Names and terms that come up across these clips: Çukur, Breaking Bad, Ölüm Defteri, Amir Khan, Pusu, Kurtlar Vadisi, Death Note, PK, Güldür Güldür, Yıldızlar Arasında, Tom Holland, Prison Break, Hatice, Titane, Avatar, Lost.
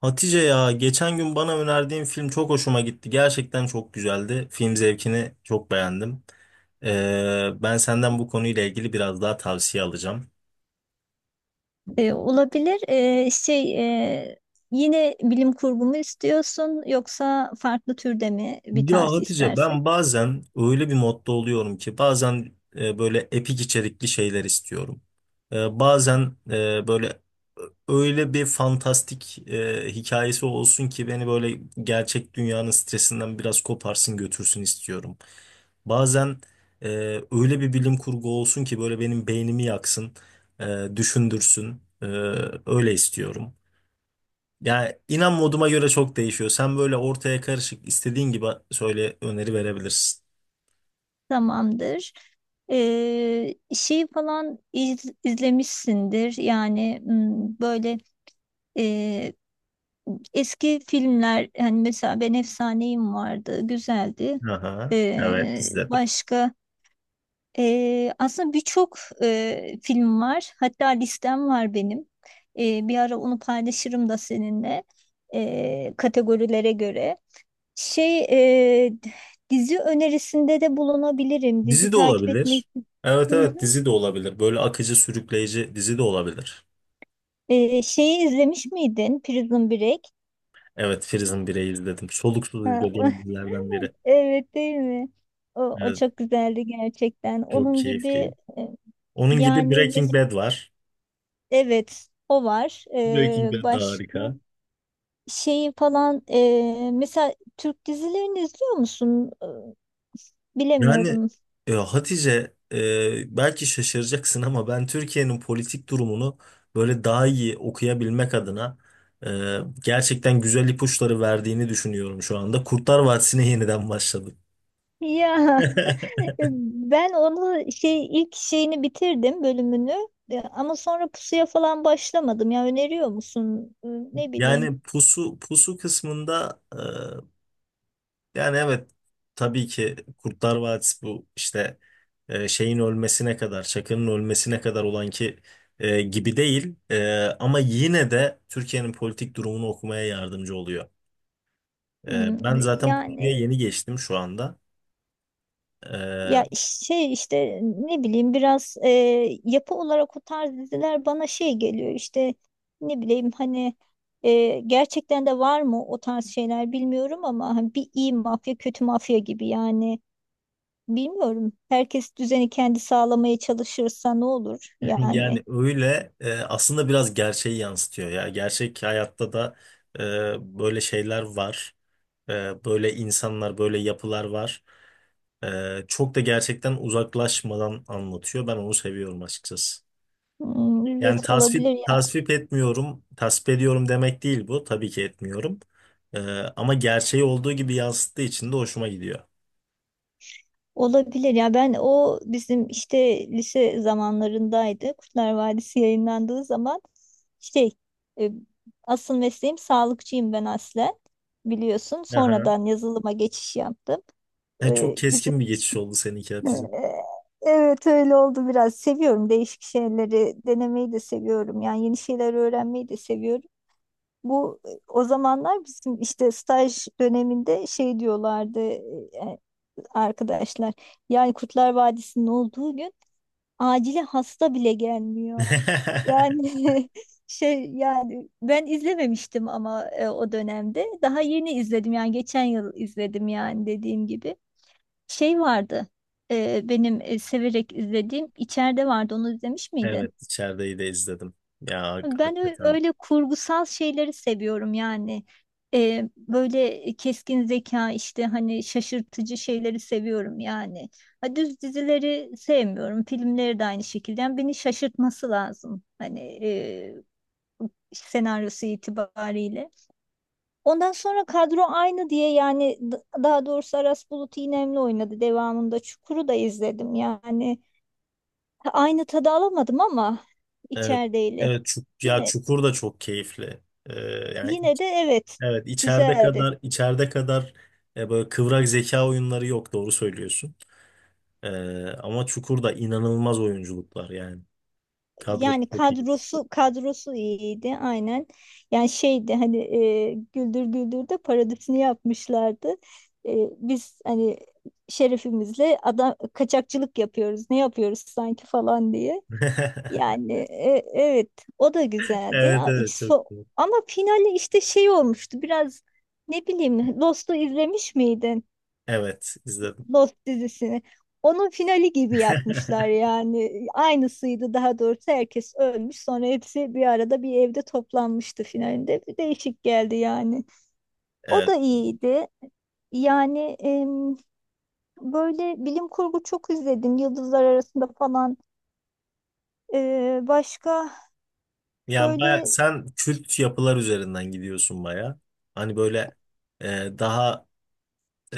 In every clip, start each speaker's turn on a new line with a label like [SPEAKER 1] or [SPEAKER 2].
[SPEAKER 1] Hatice ya geçen gün bana önerdiğin film çok hoşuma gitti. Gerçekten çok güzeldi. Film zevkini çok beğendim. Ben senden bu konuyla ilgili biraz daha tavsiye alacağım.
[SPEAKER 2] Olabilir. E, Yine bilim kurgu mu istiyorsun yoksa farklı türde mi bir
[SPEAKER 1] Ya
[SPEAKER 2] tavsiye
[SPEAKER 1] Hatice
[SPEAKER 2] istersin?
[SPEAKER 1] ben bazen öyle bir modda oluyorum ki bazen böyle epik içerikli şeyler istiyorum. Bazen böyle öyle bir fantastik hikayesi olsun ki beni böyle gerçek dünyanın stresinden biraz koparsın götürsün istiyorum. Bazen e, öyle bir bilim kurgu olsun ki böyle benim beynimi yaksın, düşündürsün. Öyle istiyorum. Yani inan moduma göre çok değişiyor. Sen böyle ortaya karışık istediğin gibi söyle öneri verebilirsin.
[SPEAKER 2] Tamamdır. Falan izlemişsindir. Yani böyle, e, eski filmler, hani mesela Ben Efsaneyim vardı, güzeldi.
[SPEAKER 1] Aha, evet izledim.
[SPEAKER 2] Başka. Aslında birçok film var. Hatta listem var benim. Bir ara onu paylaşırım da seninle, kategorilere göre. Şey e, Dizi önerisinde de bulunabilirim. Dizi
[SPEAKER 1] Dizi de
[SPEAKER 2] takip etmeyi.
[SPEAKER 1] olabilir. Evet,
[SPEAKER 2] Hı
[SPEAKER 1] evet,
[SPEAKER 2] hı.
[SPEAKER 1] dizi de olabilir. Böyle akıcı sürükleyici dizi de olabilir.
[SPEAKER 2] Şeyi izlemiş miydin? Prison Break.
[SPEAKER 1] Evet, Prison Break'i izledim. Soluksuz
[SPEAKER 2] Ha,
[SPEAKER 1] izlediğim dizilerden biri.
[SPEAKER 2] evet, değil mi? O
[SPEAKER 1] Evet,
[SPEAKER 2] çok güzeldi gerçekten.
[SPEAKER 1] çok
[SPEAKER 2] Onun gibi.
[SPEAKER 1] keyifliydi.
[SPEAKER 2] e,
[SPEAKER 1] Onun gibi
[SPEAKER 2] yani
[SPEAKER 1] Breaking
[SPEAKER 2] mes-
[SPEAKER 1] Bad var.
[SPEAKER 2] evet, o var.
[SPEAKER 1] Breaking Bad da
[SPEAKER 2] Başka.
[SPEAKER 1] harika.
[SPEAKER 2] Mesela Türk dizilerini izliyor musun?
[SPEAKER 1] Yani
[SPEAKER 2] Bilemiyorum.
[SPEAKER 1] e, Hatice belki şaşıracaksın ama ben Türkiye'nin politik durumunu böyle daha iyi okuyabilmek adına gerçekten güzel ipuçları verdiğini düşünüyorum şu anda. Kurtlar Vadisi'ne yeniden başladım.
[SPEAKER 2] Ya, ben onu şey ilk şeyini bitirdim, bölümünü. Ama sonra pusuya falan başlamadım. Ya, öneriyor musun? Ne bileyim.
[SPEAKER 1] Yani pusu pusu kısmında yani evet, tabii ki Kurtlar Vadisi bu işte şeyin ölmesine kadar, Çakı'nın ölmesine kadar olan ki gibi değil. Ama yine de Türkiye'nin politik durumunu okumaya yardımcı oluyor. Ben zaten Pusu'ya
[SPEAKER 2] Yani,
[SPEAKER 1] yeni geçtim şu anda. E,
[SPEAKER 2] ya şey işte, ne bileyim biraz, yapı olarak o tarz diziler bana şey geliyor işte, ne bileyim, hani, gerçekten de var mı o tarz şeyler bilmiyorum, ama hani bir iyi mafya kötü mafya gibi yani, bilmiyorum. Herkes düzeni kendi sağlamaya çalışırsa ne olur yani.
[SPEAKER 1] Yani öyle aslında biraz gerçeği yansıtıyor ya. Gerçek hayatta da böyle şeyler var. Böyle insanlar, böyle yapılar var. Çok da gerçekten uzaklaşmadan anlatıyor. Ben onu seviyorum açıkçası.
[SPEAKER 2] Hmm,
[SPEAKER 1] Yani
[SPEAKER 2] evet,
[SPEAKER 1] tasvip
[SPEAKER 2] olabilir.
[SPEAKER 1] tasvip etmiyorum, tasvip ediyorum demek değil bu. Tabii ki etmiyorum. E, Ama gerçeği olduğu gibi yansıttığı için de hoşuma gidiyor.
[SPEAKER 2] Olabilir ya, ben o bizim işte lise zamanlarındaydı. Kurtlar Vadisi yayınlandığı zaman, şey e, asıl mesleğim sağlıkçıyım ben aslen, biliyorsun.
[SPEAKER 1] Aha.
[SPEAKER 2] Sonradan yazılıma geçiş yaptım.
[SPEAKER 1] Çok
[SPEAKER 2] E, bizim
[SPEAKER 1] keskin bir geçiş
[SPEAKER 2] işte,
[SPEAKER 1] oldu seninki
[SPEAKER 2] e,
[SPEAKER 1] Hatice.
[SPEAKER 2] evet, öyle oldu biraz. Seviyorum, değişik şeyleri denemeyi de seviyorum. Yani yeni şeyler öğrenmeyi de seviyorum. Bu, o zamanlar bizim işte staj döneminde şey diyorlardı, arkadaşlar. Yani Kurtlar Vadisi'nin olduğu gün acile hasta bile gelmiyor. Yani, şey yani ben izlememiştim ama, o dönemde daha yeni izledim yani, geçen yıl izledim yani, dediğim gibi. Şey vardı, benim severek izlediğim içeride vardı, onu izlemiş miydin?
[SPEAKER 1] Evet, içerideyi de izledim. Ya
[SPEAKER 2] Ben
[SPEAKER 1] hakikaten.
[SPEAKER 2] öyle kurgusal şeyleri seviyorum yani. Böyle keskin zeka, işte hani şaşırtıcı şeyleri seviyorum yani. Ha, düz dizileri sevmiyorum. Filmleri de aynı şekilde. Yani beni şaşırtması lazım. Hani, e, senaryosu itibariyle. Ondan sonra kadro aynı diye yani, daha doğrusu Aras Bulut İynemli oynadı devamında. Çukur'u da izledim yani. Ha, aynı tadı alamadım ama,
[SPEAKER 1] Evet,
[SPEAKER 2] içerideyle.
[SPEAKER 1] evet, ya
[SPEAKER 2] Yine
[SPEAKER 1] Çukur da çok keyifli. Ee, Yani
[SPEAKER 2] Yine de, evet,
[SPEAKER 1] evet, içeride
[SPEAKER 2] güzeldi.
[SPEAKER 1] kadar içeride kadar böyle kıvrak zeka oyunları yok, doğru söylüyorsun. Ee, Ama Çukur'da inanılmaz oyunculuklar yani. Kadrosu
[SPEAKER 2] Yani
[SPEAKER 1] çok iyi.
[SPEAKER 2] kadrosu iyiydi aynen. Yani şeydi hani, Güldür Güldür'de parodisini yapmışlardı. Biz hani şerefimizle adam kaçakçılık yapıyoruz. Ne yapıyoruz sanki falan diye. Yani, evet, o da güzeldi.
[SPEAKER 1] Evet, evet, çok iyi.
[SPEAKER 2] Ama finali işte şey olmuştu biraz, ne bileyim, Lost'u izlemiş miydin?
[SPEAKER 1] Evet, izledim.
[SPEAKER 2] Lost dizisini. Onun finali gibi yapmışlar yani. Aynısıydı, daha doğrusu herkes ölmüş. Sonra hepsi bir arada bir evde toplanmıştı finalinde. Bir değişik geldi yani. O
[SPEAKER 1] Evet.
[SPEAKER 2] da iyiydi. Yani, böyle bilim kurgu çok izledim. Yıldızlar Arasında falan. Başka
[SPEAKER 1] Yani baya,
[SPEAKER 2] böyle.
[SPEAKER 1] sen kült yapılar üzerinden gidiyorsun baya. Hani böyle daha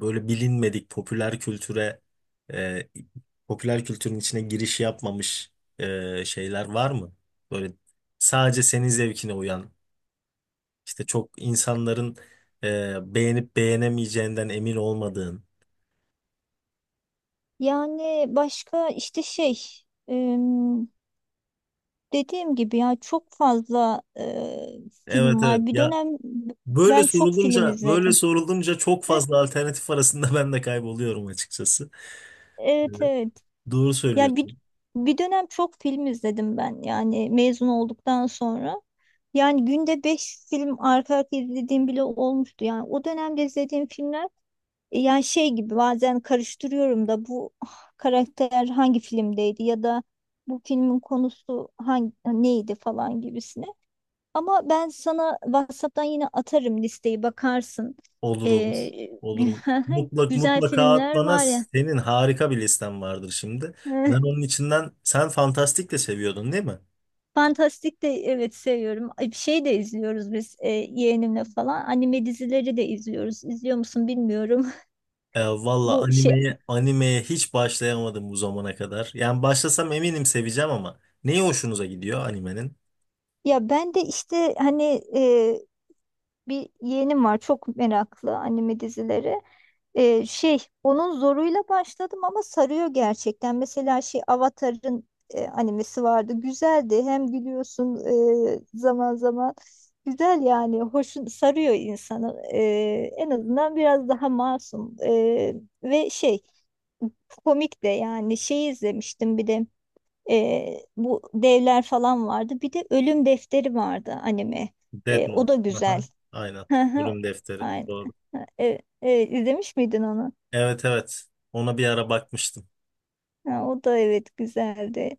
[SPEAKER 1] böyle bilinmedik popüler e, popüler kültürün içine giriş yapmamış şeyler var mı? Böyle sadece senin zevkine uyan işte çok insanların beğenip beğenemeyeceğinden emin olmadığın.
[SPEAKER 2] Yani başka işte, em, dediğim gibi, ya çok fazla
[SPEAKER 1] Evet,
[SPEAKER 2] film
[SPEAKER 1] evet
[SPEAKER 2] var. Bir
[SPEAKER 1] ya,
[SPEAKER 2] dönem
[SPEAKER 1] böyle
[SPEAKER 2] ben çok film
[SPEAKER 1] sorulunca böyle
[SPEAKER 2] izledim.
[SPEAKER 1] sorulunca çok fazla alternatif arasında ben de kayboluyorum açıkçası. E,
[SPEAKER 2] Evet, evet.
[SPEAKER 1] doğru
[SPEAKER 2] Ya, bir
[SPEAKER 1] söylüyorsun.
[SPEAKER 2] bir dönem çok film izledim ben yani, mezun olduktan sonra. Yani günde 5 film arka arka izlediğim bile olmuştu. Yani o dönemde izlediğim filmler, yani şey gibi, bazen karıştırıyorum da, bu, karakter hangi filmdeydi ya da bu filmin konusu hangi neydi falan gibisine. Ama ben sana WhatsApp'tan yine atarım listeyi, bakarsın.
[SPEAKER 1] Olur, olur.
[SPEAKER 2] Ee,
[SPEAKER 1] Olur.
[SPEAKER 2] güzel
[SPEAKER 1] Mutlaka
[SPEAKER 2] filmler
[SPEAKER 1] atlana
[SPEAKER 2] var ya.
[SPEAKER 1] senin harika bir listen vardır şimdi. Ben onun içinden sen fantastik de seviyordun değil mi?
[SPEAKER 2] Fantastik de, evet, seviyorum. Ay, bir şey de izliyoruz biz, yeğenimle falan. Anime dizileri de izliyoruz. İzliyor musun bilmiyorum.
[SPEAKER 1] Valla
[SPEAKER 2] Bu şey
[SPEAKER 1] animeye hiç başlayamadım bu zamana kadar. Yani başlasam eminim seveceğim ama neyi hoşunuza gidiyor animenin?
[SPEAKER 2] Ya ben de işte hani, e, bir yeğenim var çok meraklı anime dizileri. Onun zoruyla başladım, ama sarıyor gerçekten. Mesela, Avatar'ın animesi vardı. Güzeldi. Hem gülüyorsun zaman zaman. Güzel yani. Hoşun sarıyor insanı. En azından biraz daha masum. Ve komik de yani, izlemiştim bir de, bu devler falan vardı. Bir de Ölüm Defteri vardı anime.
[SPEAKER 1] Death
[SPEAKER 2] O
[SPEAKER 1] Note.
[SPEAKER 2] da güzel.
[SPEAKER 1] Aha, aynen.
[SPEAKER 2] Hı hı.
[SPEAKER 1] Bölüm defteri.
[SPEAKER 2] Aynen.
[SPEAKER 1] Doğru.
[SPEAKER 2] İzlemiş miydin onu?
[SPEAKER 1] Evet, evet. Ona bir ara bakmıştım.
[SPEAKER 2] Ha, o da evet, güzeldi.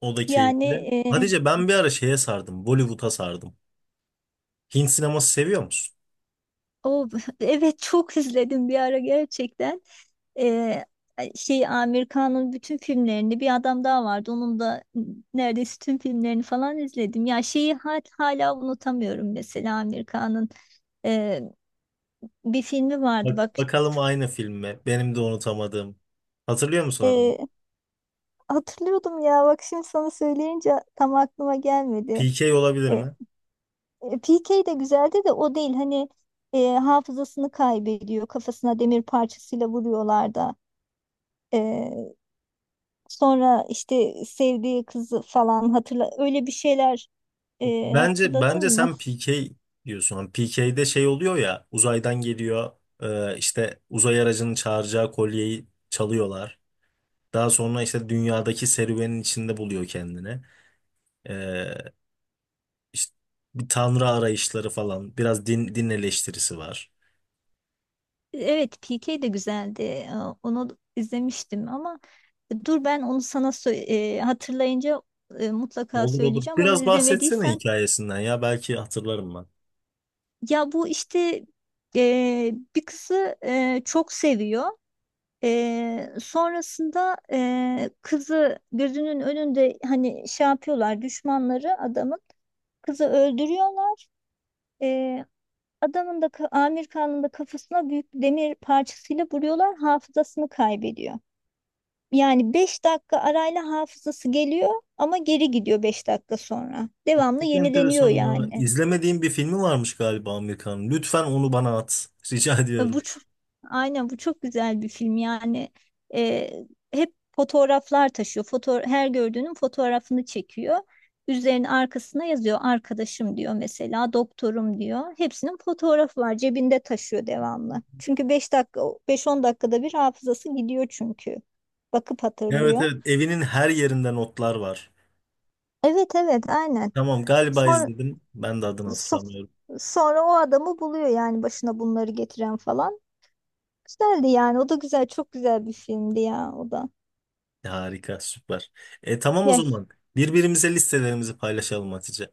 [SPEAKER 1] O da
[SPEAKER 2] Yani,
[SPEAKER 1] keyifli.
[SPEAKER 2] e,
[SPEAKER 1] Hatice ben bir ara şeye sardım. Bollywood'a sardım. Hint sineması seviyor musun?
[SPEAKER 2] o, evet, çok izledim bir ara gerçekten. E, Amir Khan'ın bütün filmlerini, bir adam daha vardı. Onun da neredeyse tüm filmlerini falan izledim. Ya şeyi hala unutamıyorum, mesela Amir Khan'ın e, bir filmi vardı
[SPEAKER 1] Bak,
[SPEAKER 2] bak.
[SPEAKER 1] bakalım aynı film mi? Benim de unutamadığım. Hatırlıyor musun adını?
[SPEAKER 2] E, Hatırlıyordum ya, bak şimdi sana söyleyince tam aklıma gelmedi.
[SPEAKER 1] PK olabilir mi?
[SPEAKER 2] PK de güzeldi de, o değil. Hani, hafızasını kaybediyor. Kafasına demir parçasıyla vuruyorlar da. E, Sonra işte sevdiği kızı falan hatırla. Öyle bir şeyler,
[SPEAKER 1] Bence
[SPEAKER 2] hatırladın
[SPEAKER 1] bence
[SPEAKER 2] mı?
[SPEAKER 1] sen PK diyorsun. PK'de şey oluyor ya, uzaydan geliyor, işte uzay aracının çağıracağı kolyeyi çalıyorlar. Daha sonra işte dünyadaki serüvenin içinde buluyor kendini. E, işte bir tanrı arayışları falan, biraz din, din eleştirisi var.
[SPEAKER 2] Evet, PK de güzeldi. Onu izlemiştim ama, dur ben onu sana hatırlayınca, mutlaka
[SPEAKER 1] Olur, olur.
[SPEAKER 2] söyleyeceğim. Onu
[SPEAKER 1] Biraz bahsetsene
[SPEAKER 2] izlemediysen,
[SPEAKER 1] hikayesinden ya, belki hatırlarım ben.
[SPEAKER 2] ya bu işte, bir kızı çok seviyor. Sonrasında, kızı gözünün önünde, hani şey yapıyorlar, düşmanları adamın kızı öldürüyorlar. Ee, Amir Khan'ın da kafasına büyük bir demir parçasıyla vuruyorlar, hafızasını kaybediyor. Yani 5 dakika arayla hafızası geliyor ama geri gidiyor 5 dakika sonra.
[SPEAKER 1] Bak,
[SPEAKER 2] Devamlı
[SPEAKER 1] çok
[SPEAKER 2] yenileniyor
[SPEAKER 1] enteresan ya.
[SPEAKER 2] yani.
[SPEAKER 1] İzlemediğim bir filmi varmış galiba Amerikan. Lütfen onu bana at. Rica
[SPEAKER 2] E,
[SPEAKER 1] ediyorum.
[SPEAKER 2] Bu çok, aynen bu çok güzel bir film yani, e, hep fotoğraflar taşıyor. Her gördüğünün fotoğrafını çekiyor. Üzerine, arkasına yazıyor arkadaşım, diyor mesela doktorum, diyor. Hepsinin fotoğrafı var, cebinde taşıyor devamlı. Çünkü 5 dakika, 5-10 dakikada bir hafızası gidiyor çünkü. Bakıp
[SPEAKER 1] Evet,
[SPEAKER 2] hatırlıyor.
[SPEAKER 1] evet. Evinin her yerinde notlar var.
[SPEAKER 2] Evet, evet, aynen.
[SPEAKER 1] Tamam, galiba
[SPEAKER 2] Sonra,
[SPEAKER 1] izledim. Ben de adını
[SPEAKER 2] so-
[SPEAKER 1] hatırlamıyorum.
[SPEAKER 2] sonra o adamı buluyor yani, başına bunları getiren falan. Güzeldi yani. O da güzel. Çok güzel bir filmdi ya o da.
[SPEAKER 1] Harika, süper. E tamam o
[SPEAKER 2] Ya,
[SPEAKER 1] zaman. Birbirimize listelerimizi paylaşalım Hatice.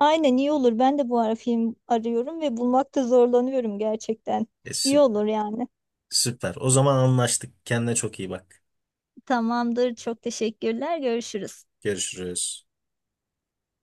[SPEAKER 2] aynen, iyi olur. Ben de bu ara film arıyorum ve bulmakta zorlanıyorum gerçekten.
[SPEAKER 1] E,
[SPEAKER 2] İyi
[SPEAKER 1] sü-
[SPEAKER 2] olur yani.
[SPEAKER 1] Süper. O zaman anlaştık. Kendine çok iyi bak.
[SPEAKER 2] Tamamdır. Çok teşekkürler. Görüşürüz.
[SPEAKER 1] Görüşürüz.